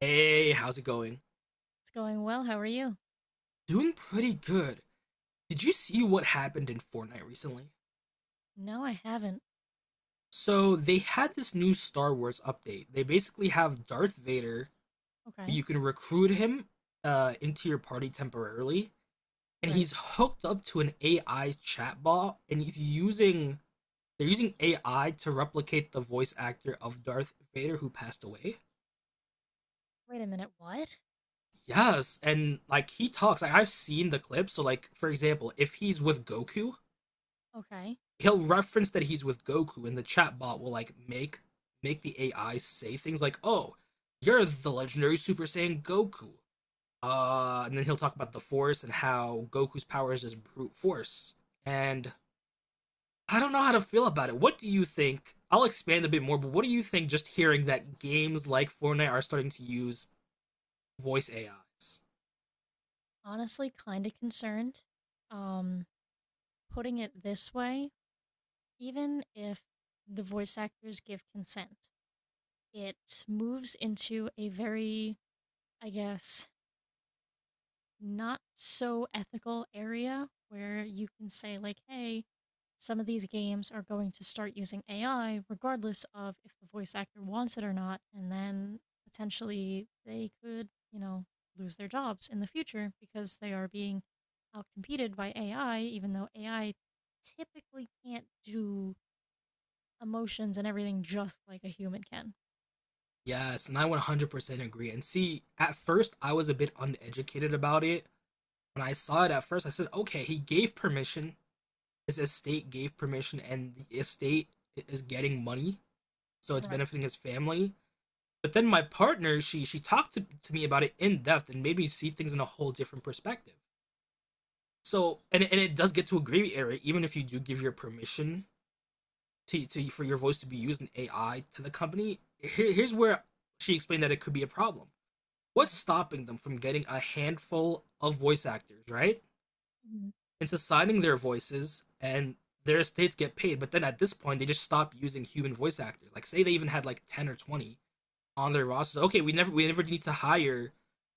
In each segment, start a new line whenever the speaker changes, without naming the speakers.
Hey, how's it going?
It's going well. How are you?
Doing pretty good. Did you see what happened in Fortnite recently?
No, I haven't.
So, they had this new Star Wars update. They basically have Darth Vader.
Okay.
You can recruit him into your party temporarily, and
Right.
he's hooked up to an AI chatbot, and he's using they're using AI to replicate the voice actor of Darth Vader who passed away.
Wait a minute. What?
Yes, and like he talks, like I've seen the clip. So like for example, if he's with Goku,
Okay.
he'll reference that he's with Goku, and the chat bot will like make the AI say things like, "Oh, you're the legendary Super Saiyan Goku," and then he'll talk about the Force and how Goku's power is just brute force. And I don't know how to feel about it. What do you think? I'll expand a bit more, but what do you think? Just hearing that games like Fortnite are starting to use voice AIs.
Honestly, kind of concerned. Um, putting it this way, even if the voice actors give consent, it moves into a very, I guess, not so ethical area where you can say, like, hey, some of these games are going to start using AI regardless of if the voice actor wants it or not. And then potentially they could, you know, lose their jobs in the future because they are being outcompeted by AI, even though AI typically can't do emotions and everything just like a human can.
Yes, and I 100% agree. And see, at first I was a bit uneducated about it. When I saw it at first, I said, okay, he gave permission. His estate gave permission, and the estate is getting money, so it's
Right,
benefiting his family. But then my partner, she talked to me about it in depth and made me see things in a whole different perspective. So, and it does get to a gray area, even if you do give your permission to for your voice to be used in AI to the company. Here's where she explained that it could be a problem. What's
right.
stopping them from getting a handful of voice actors, right, into signing their voices and their estates get paid? But then at this point, they just stop using human voice actors. Like, say they even had like 10 or 20 on their rosters. Okay, we never need to hire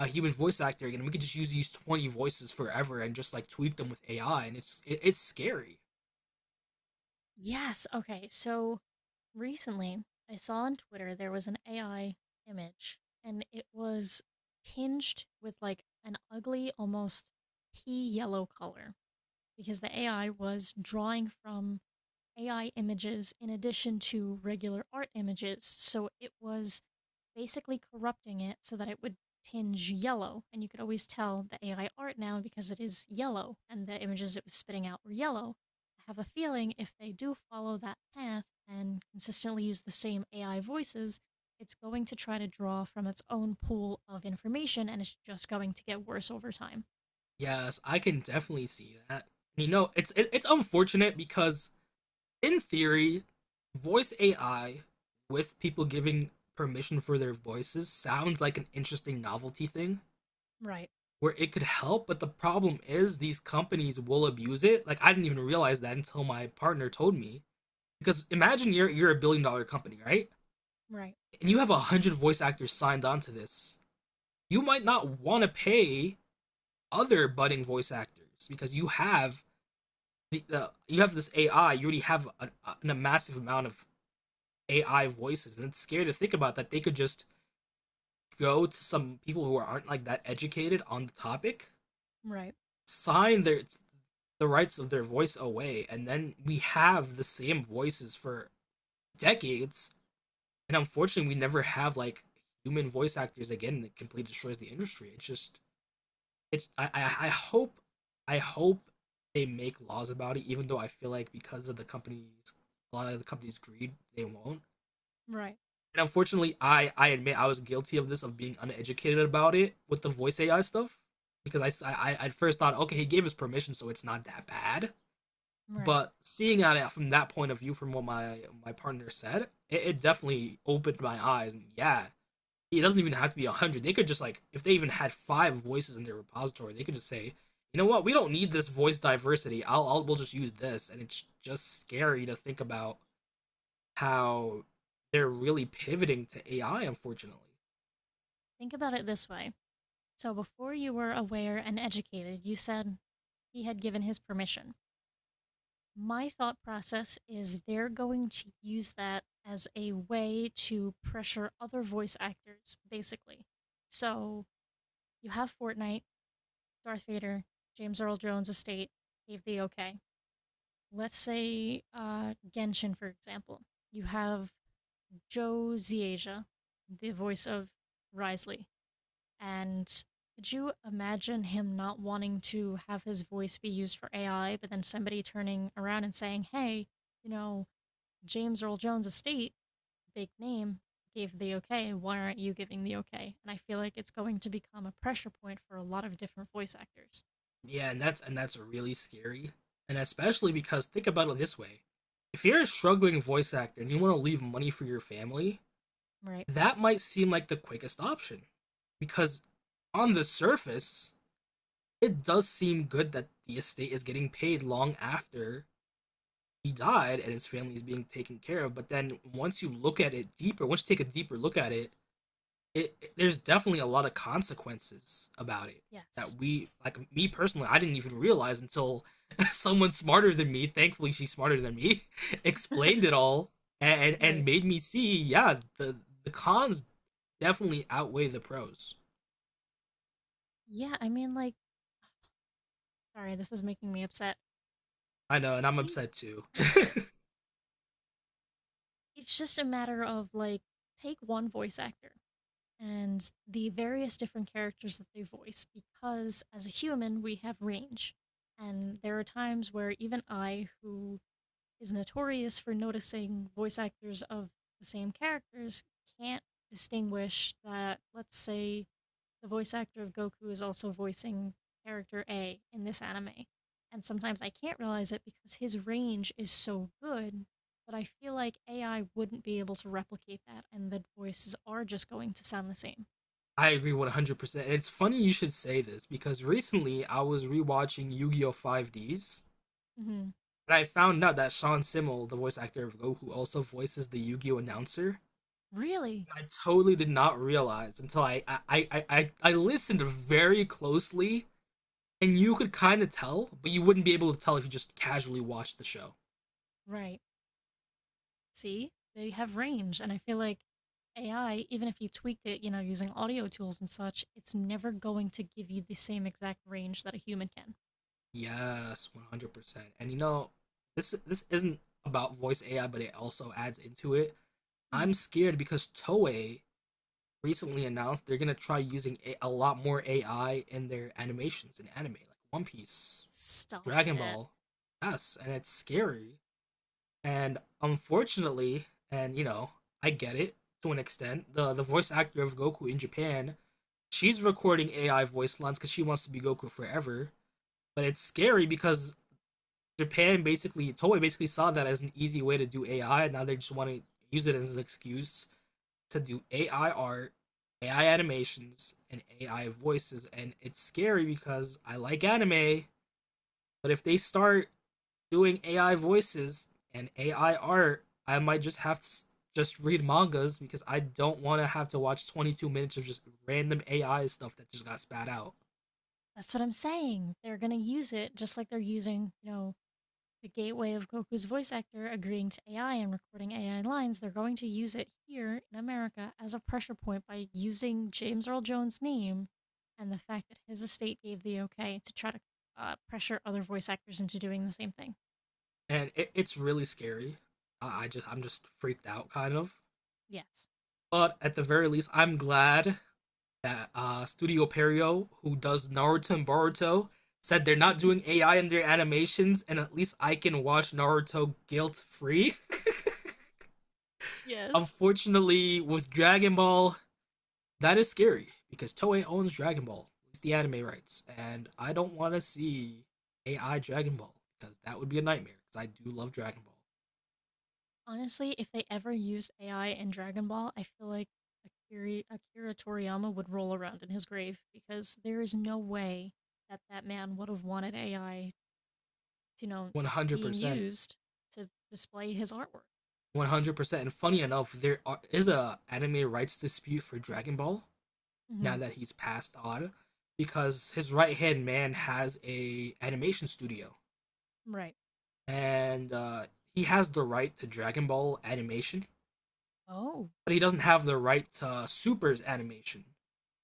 a human voice actor again. We could just use these 20 voices forever and just like tweak them with AI. And it's scary.
Yes. Okay. So recently I saw on Twitter there was an AI image, and it was tinged with, like, an ugly, almost pea yellow color because the AI was drawing from AI images in addition to regular art images. So it was basically corrupting it so that it would tinge yellow. And you could always tell the AI art now because it is yellow, and the images it was spitting out were yellow. I have a feeling if they do follow that path and consistently use the same AI voices, it's going to try to draw from its own pool of information and it's just going to get worse over time.
Yes, I can definitely see that. You know, it's unfortunate because in theory, voice AI with people giving permission for their voices sounds like an interesting novelty thing
Right,
where it could help, but the problem is these companies will abuse it. Like I didn't even realize that until my partner told me. Because imagine you're a billion dollar company, right?
right,
And you have 100 voice actors signed on to this. You might not want to pay other budding voice actors because you have the you have this AI. You already have a massive amount of AI voices, and it's scary to think about that they could just go to some people who aren't like that educated on the topic,
right,
sign the rights of their voice away, and then we have the same voices for decades, and unfortunately we never have like human voice actors again. It completely destroys the industry. It's just it's I hope they make laws about it, even though I feel like because of the companies, a lot of the companies greed, they won't.
right,
And unfortunately I, admit I was guilty of this, of being uneducated about it with the voice AI stuff, because I at first thought, okay, he gave us permission, so it's not that bad.
right.
But seeing at it from that point of view, from what my partner said, it definitely opened my eyes. And yeah, it doesn't even have to be 100. They could just like if they even had five voices in their repository, they could just say, you know what, we don't need this voice diversity. I'll we'll just use this. And it's just scary to think about how they're really pivoting to AI, unfortunately.
Think about it this way. So before you were aware and educated, you said he had given his permission. My thought process is they're going to use that as a way to pressure other voice actors, basically. So you have Fortnite, Darth Vader, James Earl Jones' estate gave the okay. Let's say, Genshin, for example. You have Joe Ziaja, the voice of Risley, and could you imagine him not wanting to have his voice be used for AI, but then somebody turning around and saying, hey, you know, James Earl Jones estate, big name, gave the okay. Why aren't you giving the okay? And I feel like it's going to become a pressure point for a lot of different voice actors.
Yeah, and that's really scary. And especially because think about it this way. If you're a struggling voice actor and you want to leave money for your family,
Right.
that might seem like the quickest option, because on the surface it does seem good that the estate is getting paid long after he died and his family is being taken care of. But then once you look at it deeper, once you take a deeper look at it, there's definitely a lot of consequences about it
Yes.
that we like me personally I didn't even realize until someone smarter than me, thankfully she's smarter than me, explained it all and
Right.
made me see, yeah, the cons definitely outweigh the pros.
Yeah, I mean, like, sorry, this is making me upset.
I know, and
I
I'm
think
upset too.
it's just a matter of, like, take one voice actor and the various different characters that they voice, because as a human, we have range. And there are times where even I, who is notorious for noticing voice actors of the same characters, can't distinguish that, let's say, the voice actor of Goku is also voicing character A in this anime. And sometimes I can't realize it because his range is so good that I feel like AI wouldn't be able to replicate that, and the voices are just going to sound the same.
I agree 100%. And it's funny you should say this because recently I was rewatching Yu Gi Oh! 5Ds
Hmm.
and I found out that Sean Simmel, the voice actor of Goku, also voices the Yu Gi Oh! announcer.
Really?
I totally did not realize until I listened very closely, and you could kind of tell, but you wouldn't be able to tell if you just casually watched the show.
Right. See, they have range, and I feel like AI, even if you tweaked it, you know, using audio tools and such, it's never going to give you the same exact range that a human can.
Yes, 100%. And you know, this isn't about voice AI, but it also adds into it.
Hmm.
I'm scared because Toei recently announced they're gonna try using a lot more AI in their animations in anime, like One Piece,
Stop
Dragon
it.
Ball. Yes, and it's scary. And unfortunately, and you know, I get it to an extent. The voice actor of Goku in Japan, she's recording AI voice lines because she wants to be Goku forever. But it's scary because Japan basically Toei basically saw that as an easy way to do AI, and now they just want to use it as an excuse to do AI art, AI animations, and AI voices. And it's scary because I like anime, but if they start doing AI voices and AI art, I might just have to just read mangas because I don't want to have to watch 22 minutes of just random AI stuff that just got spat out.
That's what I'm saying. They're going to use it just like they're using, you know, the gateway of Goku's voice actor agreeing to AI and recording AI lines. They're going to use it here in America as a pressure point by using James Earl Jones' name and the fact that his estate gave the okay to try to pressure other voice actors into doing the same thing.
And it's really scary. I'm just freaked out kind of.
Yes.
But at the very least, I'm glad that Studio Perio, who does Naruto and Boruto, said they're not doing AI in their animations, and at least I can watch Naruto guilt free.
Yes.
Unfortunately, with Dragon Ball, that is scary because Toei owns Dragon Ball, at least the anime rights, and I don't want to see AI Dragon Ball because that would be a nightmare. Because I do love Dragon Ball,
Honestly, if they ever used AI in Dragon Ball, I feel like Akira Toriyama would roll around in his grave because there is no way that that man would have wanted AI, you know,
one hundred
being
percent,
used to display his artwork.
100%. And funny enough, is a anime rights dispute for Dragon Ball
Hmm.
now that he's passed on, because his right hand man has a animation studio
Right.
and he has the right to Dragon Ball animation,
Oh,
but he doesn't have the right to Super's animation.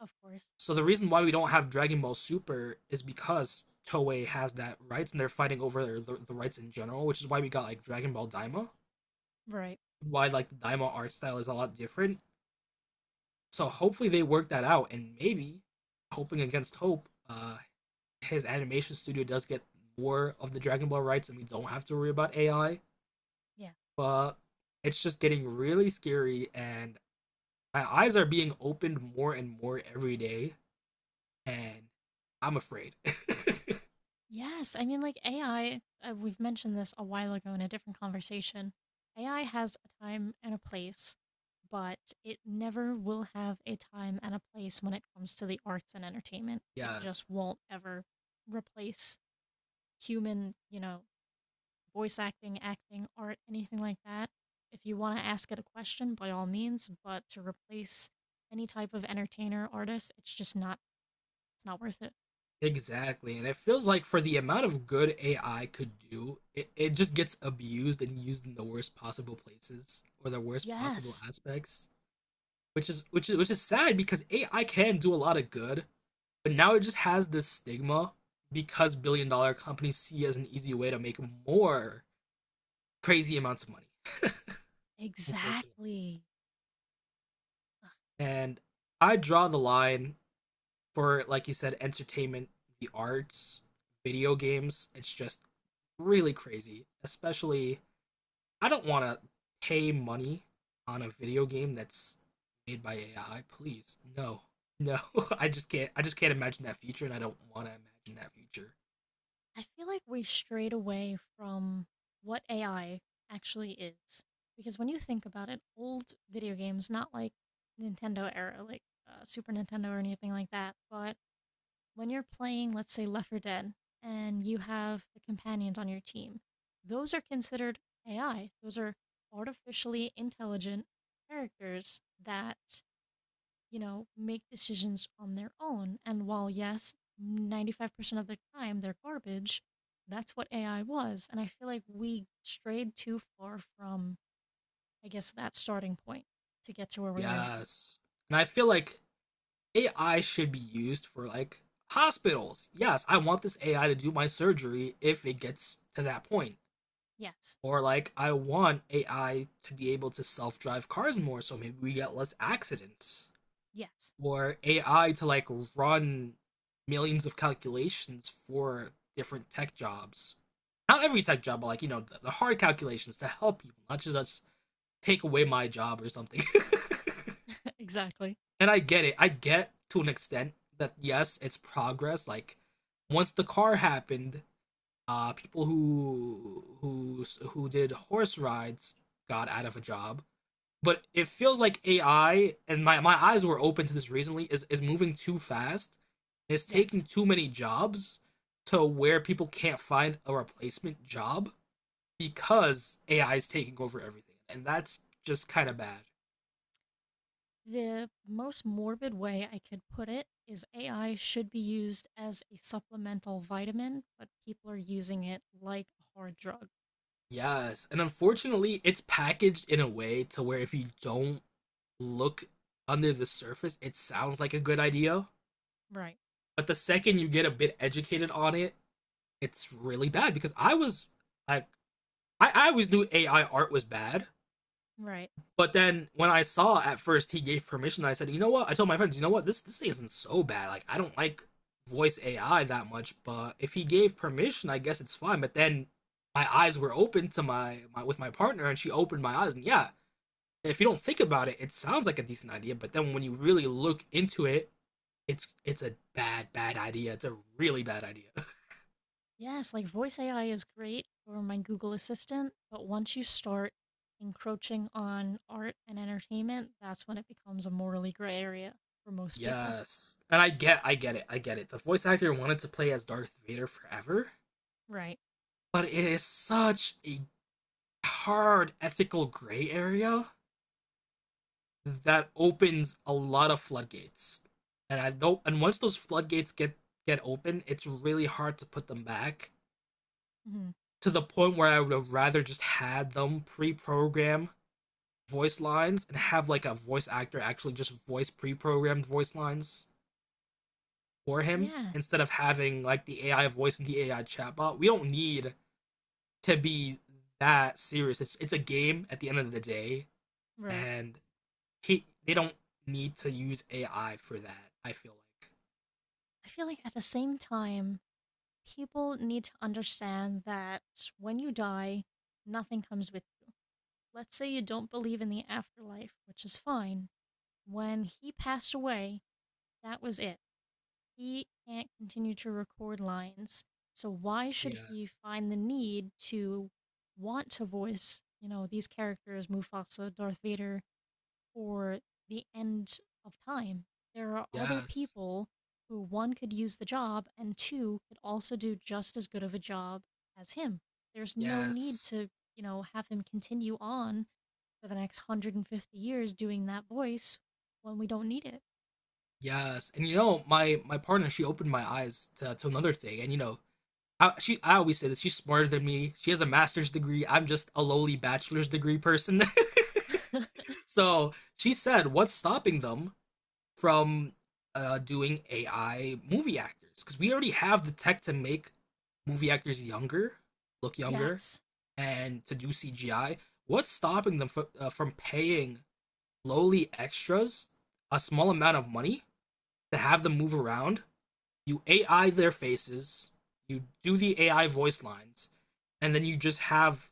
of course.
So the reason why we don't have Dragon Ball Super is because Toei has that rights and they're fighting over the rights in general, which is why we got like Dragon Ball Daima,
Right.
why like the Daima art style is a lot different. So hopefully they work that out, and maybe hoping against hope, his animation studio does get more of the Dragon Ball rights, and we don't have to worry about AI.
Yeah.
But it's just getting really scary, and my eyes are being opened more and more every day, and I'm afraid.
Yes, I mean, like AI, we've mentioned this a while ago in a different conversation. AI has a time and a place, but it never will have a time and a place when it comes to the arts and entertainment. It
Yes,
just won't ever replace human, you know, voice acting, acting, art, anything like that. If you want to ask it a question, by all means, but to replace any type of entertainer, artist, it's just not, it's not worth it.
exactly. And it feels like for the amount of good AI could do, it just gets abused and used in the worst possible places or the worst possible
Yes,
aspects. Which is sad because AI can do a lot of good, but now it just has this stigma because billion dollar companies see it as an easy way to make more crazy amounts of money, unfortunately.
exactly.
And I draw the line for like you said, entertainment, the arts, video games. It's just really crazy, especially I don't want to pay money on a video game that's made by AI. Please, no, no. I just can't. I just can't imagine that future, and I don't want to imagine that future.
I feel like we strayed away from what AI actually is. Because when you think about it, old video games, not like Nintendo era, like Super Nintendo or anything like that, but when you're playing, let's say, Left 4 Dead, and you have the companions on your team, those are considered AI. Those are artificially intelligent characters that, you know, make decisions on their own. And while, yes, 95% of the time they're garbage, that's what AI was. And I feel like we strayed too far from, I guess, that starting point to get to where we are now.
Yes, and I feel like AI should be used for like hospitals. Yes, I want this AI to do my surgery if it gets to that point.
Yes.
Or like I want AI to be able to self-drive cars more so maybe we get less accidents.
Yes.
Or AI to like run millions of calculations for different tech jobs. Not every tech job, but like, you know, the hard calculations to help people, not just us take away my job or something.
Exactly.
And I get it. I get to an extent that yes, it's progress. Like once the car happened, people who did horse rides got out of a job, but it feels like AI, and my eyes were open to this recently, is moving too fast. It's taking
Yes.
too many jobs to where people can't find a replacement job because AI is taking over everything, and that's just kind of bad.
The most morbid way I could put it is AI should be used as a supplemental vitamin, but people are using it like a hard drug.
Yes, and unfortunately, it's packaged in a way to where if you don't look under the surface, it sounds like a good idea,
Right.
but the second you get a bit educated on it, it's really bad. Because I was like, I always knew AI art was bad,
Right.
but then when I saw at first he gave permission, I said, you know what? I told my friends, you know what? This thing isn't so bad. Like I don't like voice AI that much, but if he gave permission, I guess it's fine. But then my eyes were open to my, my with my partner, and she opened my eyes, and yeah, if you don't think about it, it sounds like a decent idea. But then when you really look into it, it's a bad idea. It's a really bad idea.
Yes, like voice AI is great for my Google Assistant, but once you start encroaching on art and entertainment, that's when it becomes a morally gray area for most people.
Yes, and I get it. The voice actor wanted to play as Darth Vader forever,
Right.
but it is such a hard ethical gray area that opens a lot of floodgates. And I don't, and once those floodgates get open, it's really hard to put them back,
Hmm.
to the point where I would have rather just had them pre-program voice lines and have like a voice actor actually just voice pre-programmed voice lines for him,
Yes,
instead of having like the AI voice and the AI chatbot. We don't need to be that serious. It's a game at the end of the day.
right.
And he, they don't need to use AI for that, I feel like.
I feel like at the same time, people need to understand that when you die, nothing comes with you. Let's say you don't believe in the afterlife, which is fine. When he passed away, that was it. He can't continue to record lines. So why should he
Yes,
find the need to want to voice, you know, these characters, Mufasa, Darth Vader, or the end of time? There are other
yes,
people who one could use the job and two could also do just as good of a job as him. There's no need
yes,
to, you know, have him continue on for the next 150 years doing that voice when we don't need
yes. And you know, my partner, she opened my eyes to, another thing. And you know, she I always say this. She's smarter than me. She has a master's degree. I'm just a lowly bachelor's degree person.
it.
So she said, "What's stopping them from doing AI movie actors, because we already have the tech to make movie actors younger, look younger,
Yes,
and to do CGI. What's stopping them from paying lowly extras a small amount of money to have them move around? You AI their faces, you do the AI voice lines, and then you just have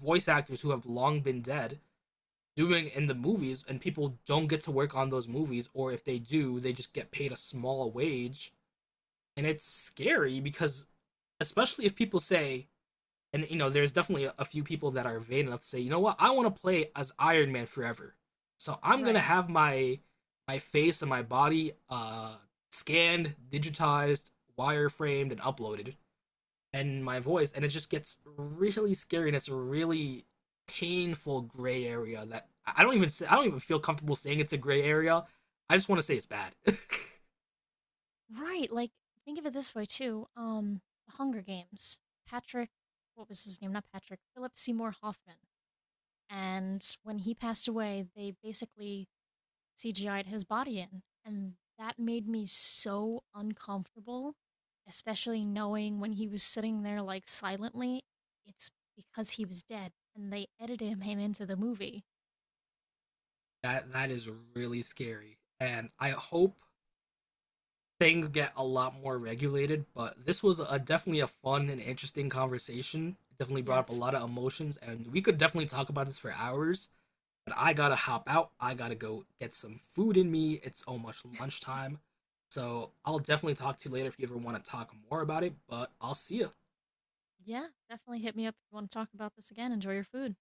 voice actors who have long been dead doing in the movies, and people don't get to work on those movies, or if they do, they just get paid a small wage. And it's scary because, especially if people say, and you know, there's definitely few people that are vain enough to say, you know what, I want to play as Iron Man forever, so I'm gonna
right.
have my face and my body scanned, digitized, wireframed, and uploaded, and my voice. And it just gets really scary, and it's a really painful gray area that I don't even say, I don't even feel comfortable saying it's a gray area. I just want to say it's bad.
Right, like, think of it this way too, The Hunger Games, Patrick, what was his name? Not Patrick, Philip Seymour Hoffman, and when he passed away, they basically CGI'd his body in, and that made me so uncomfortable, especially knowing when he was sitting there, like, silently, it's because he was dead, and they edited him into the movie.
That is really scary, and I hope things get a lot more regulated. But this was a definitely a fun and interesting conversation. Definitely brought up a
Yes.
lot of emotions, and we could definitely talk about this for hours. But I gotta hop out. I gotta go get some food in me. It's almost lunchtime. So I'll definitely talk to you later if you ever want to talk more about it. But I'll see ya.
Yeah, definitely hit me up if you wanna talk about this again, enjoy your food.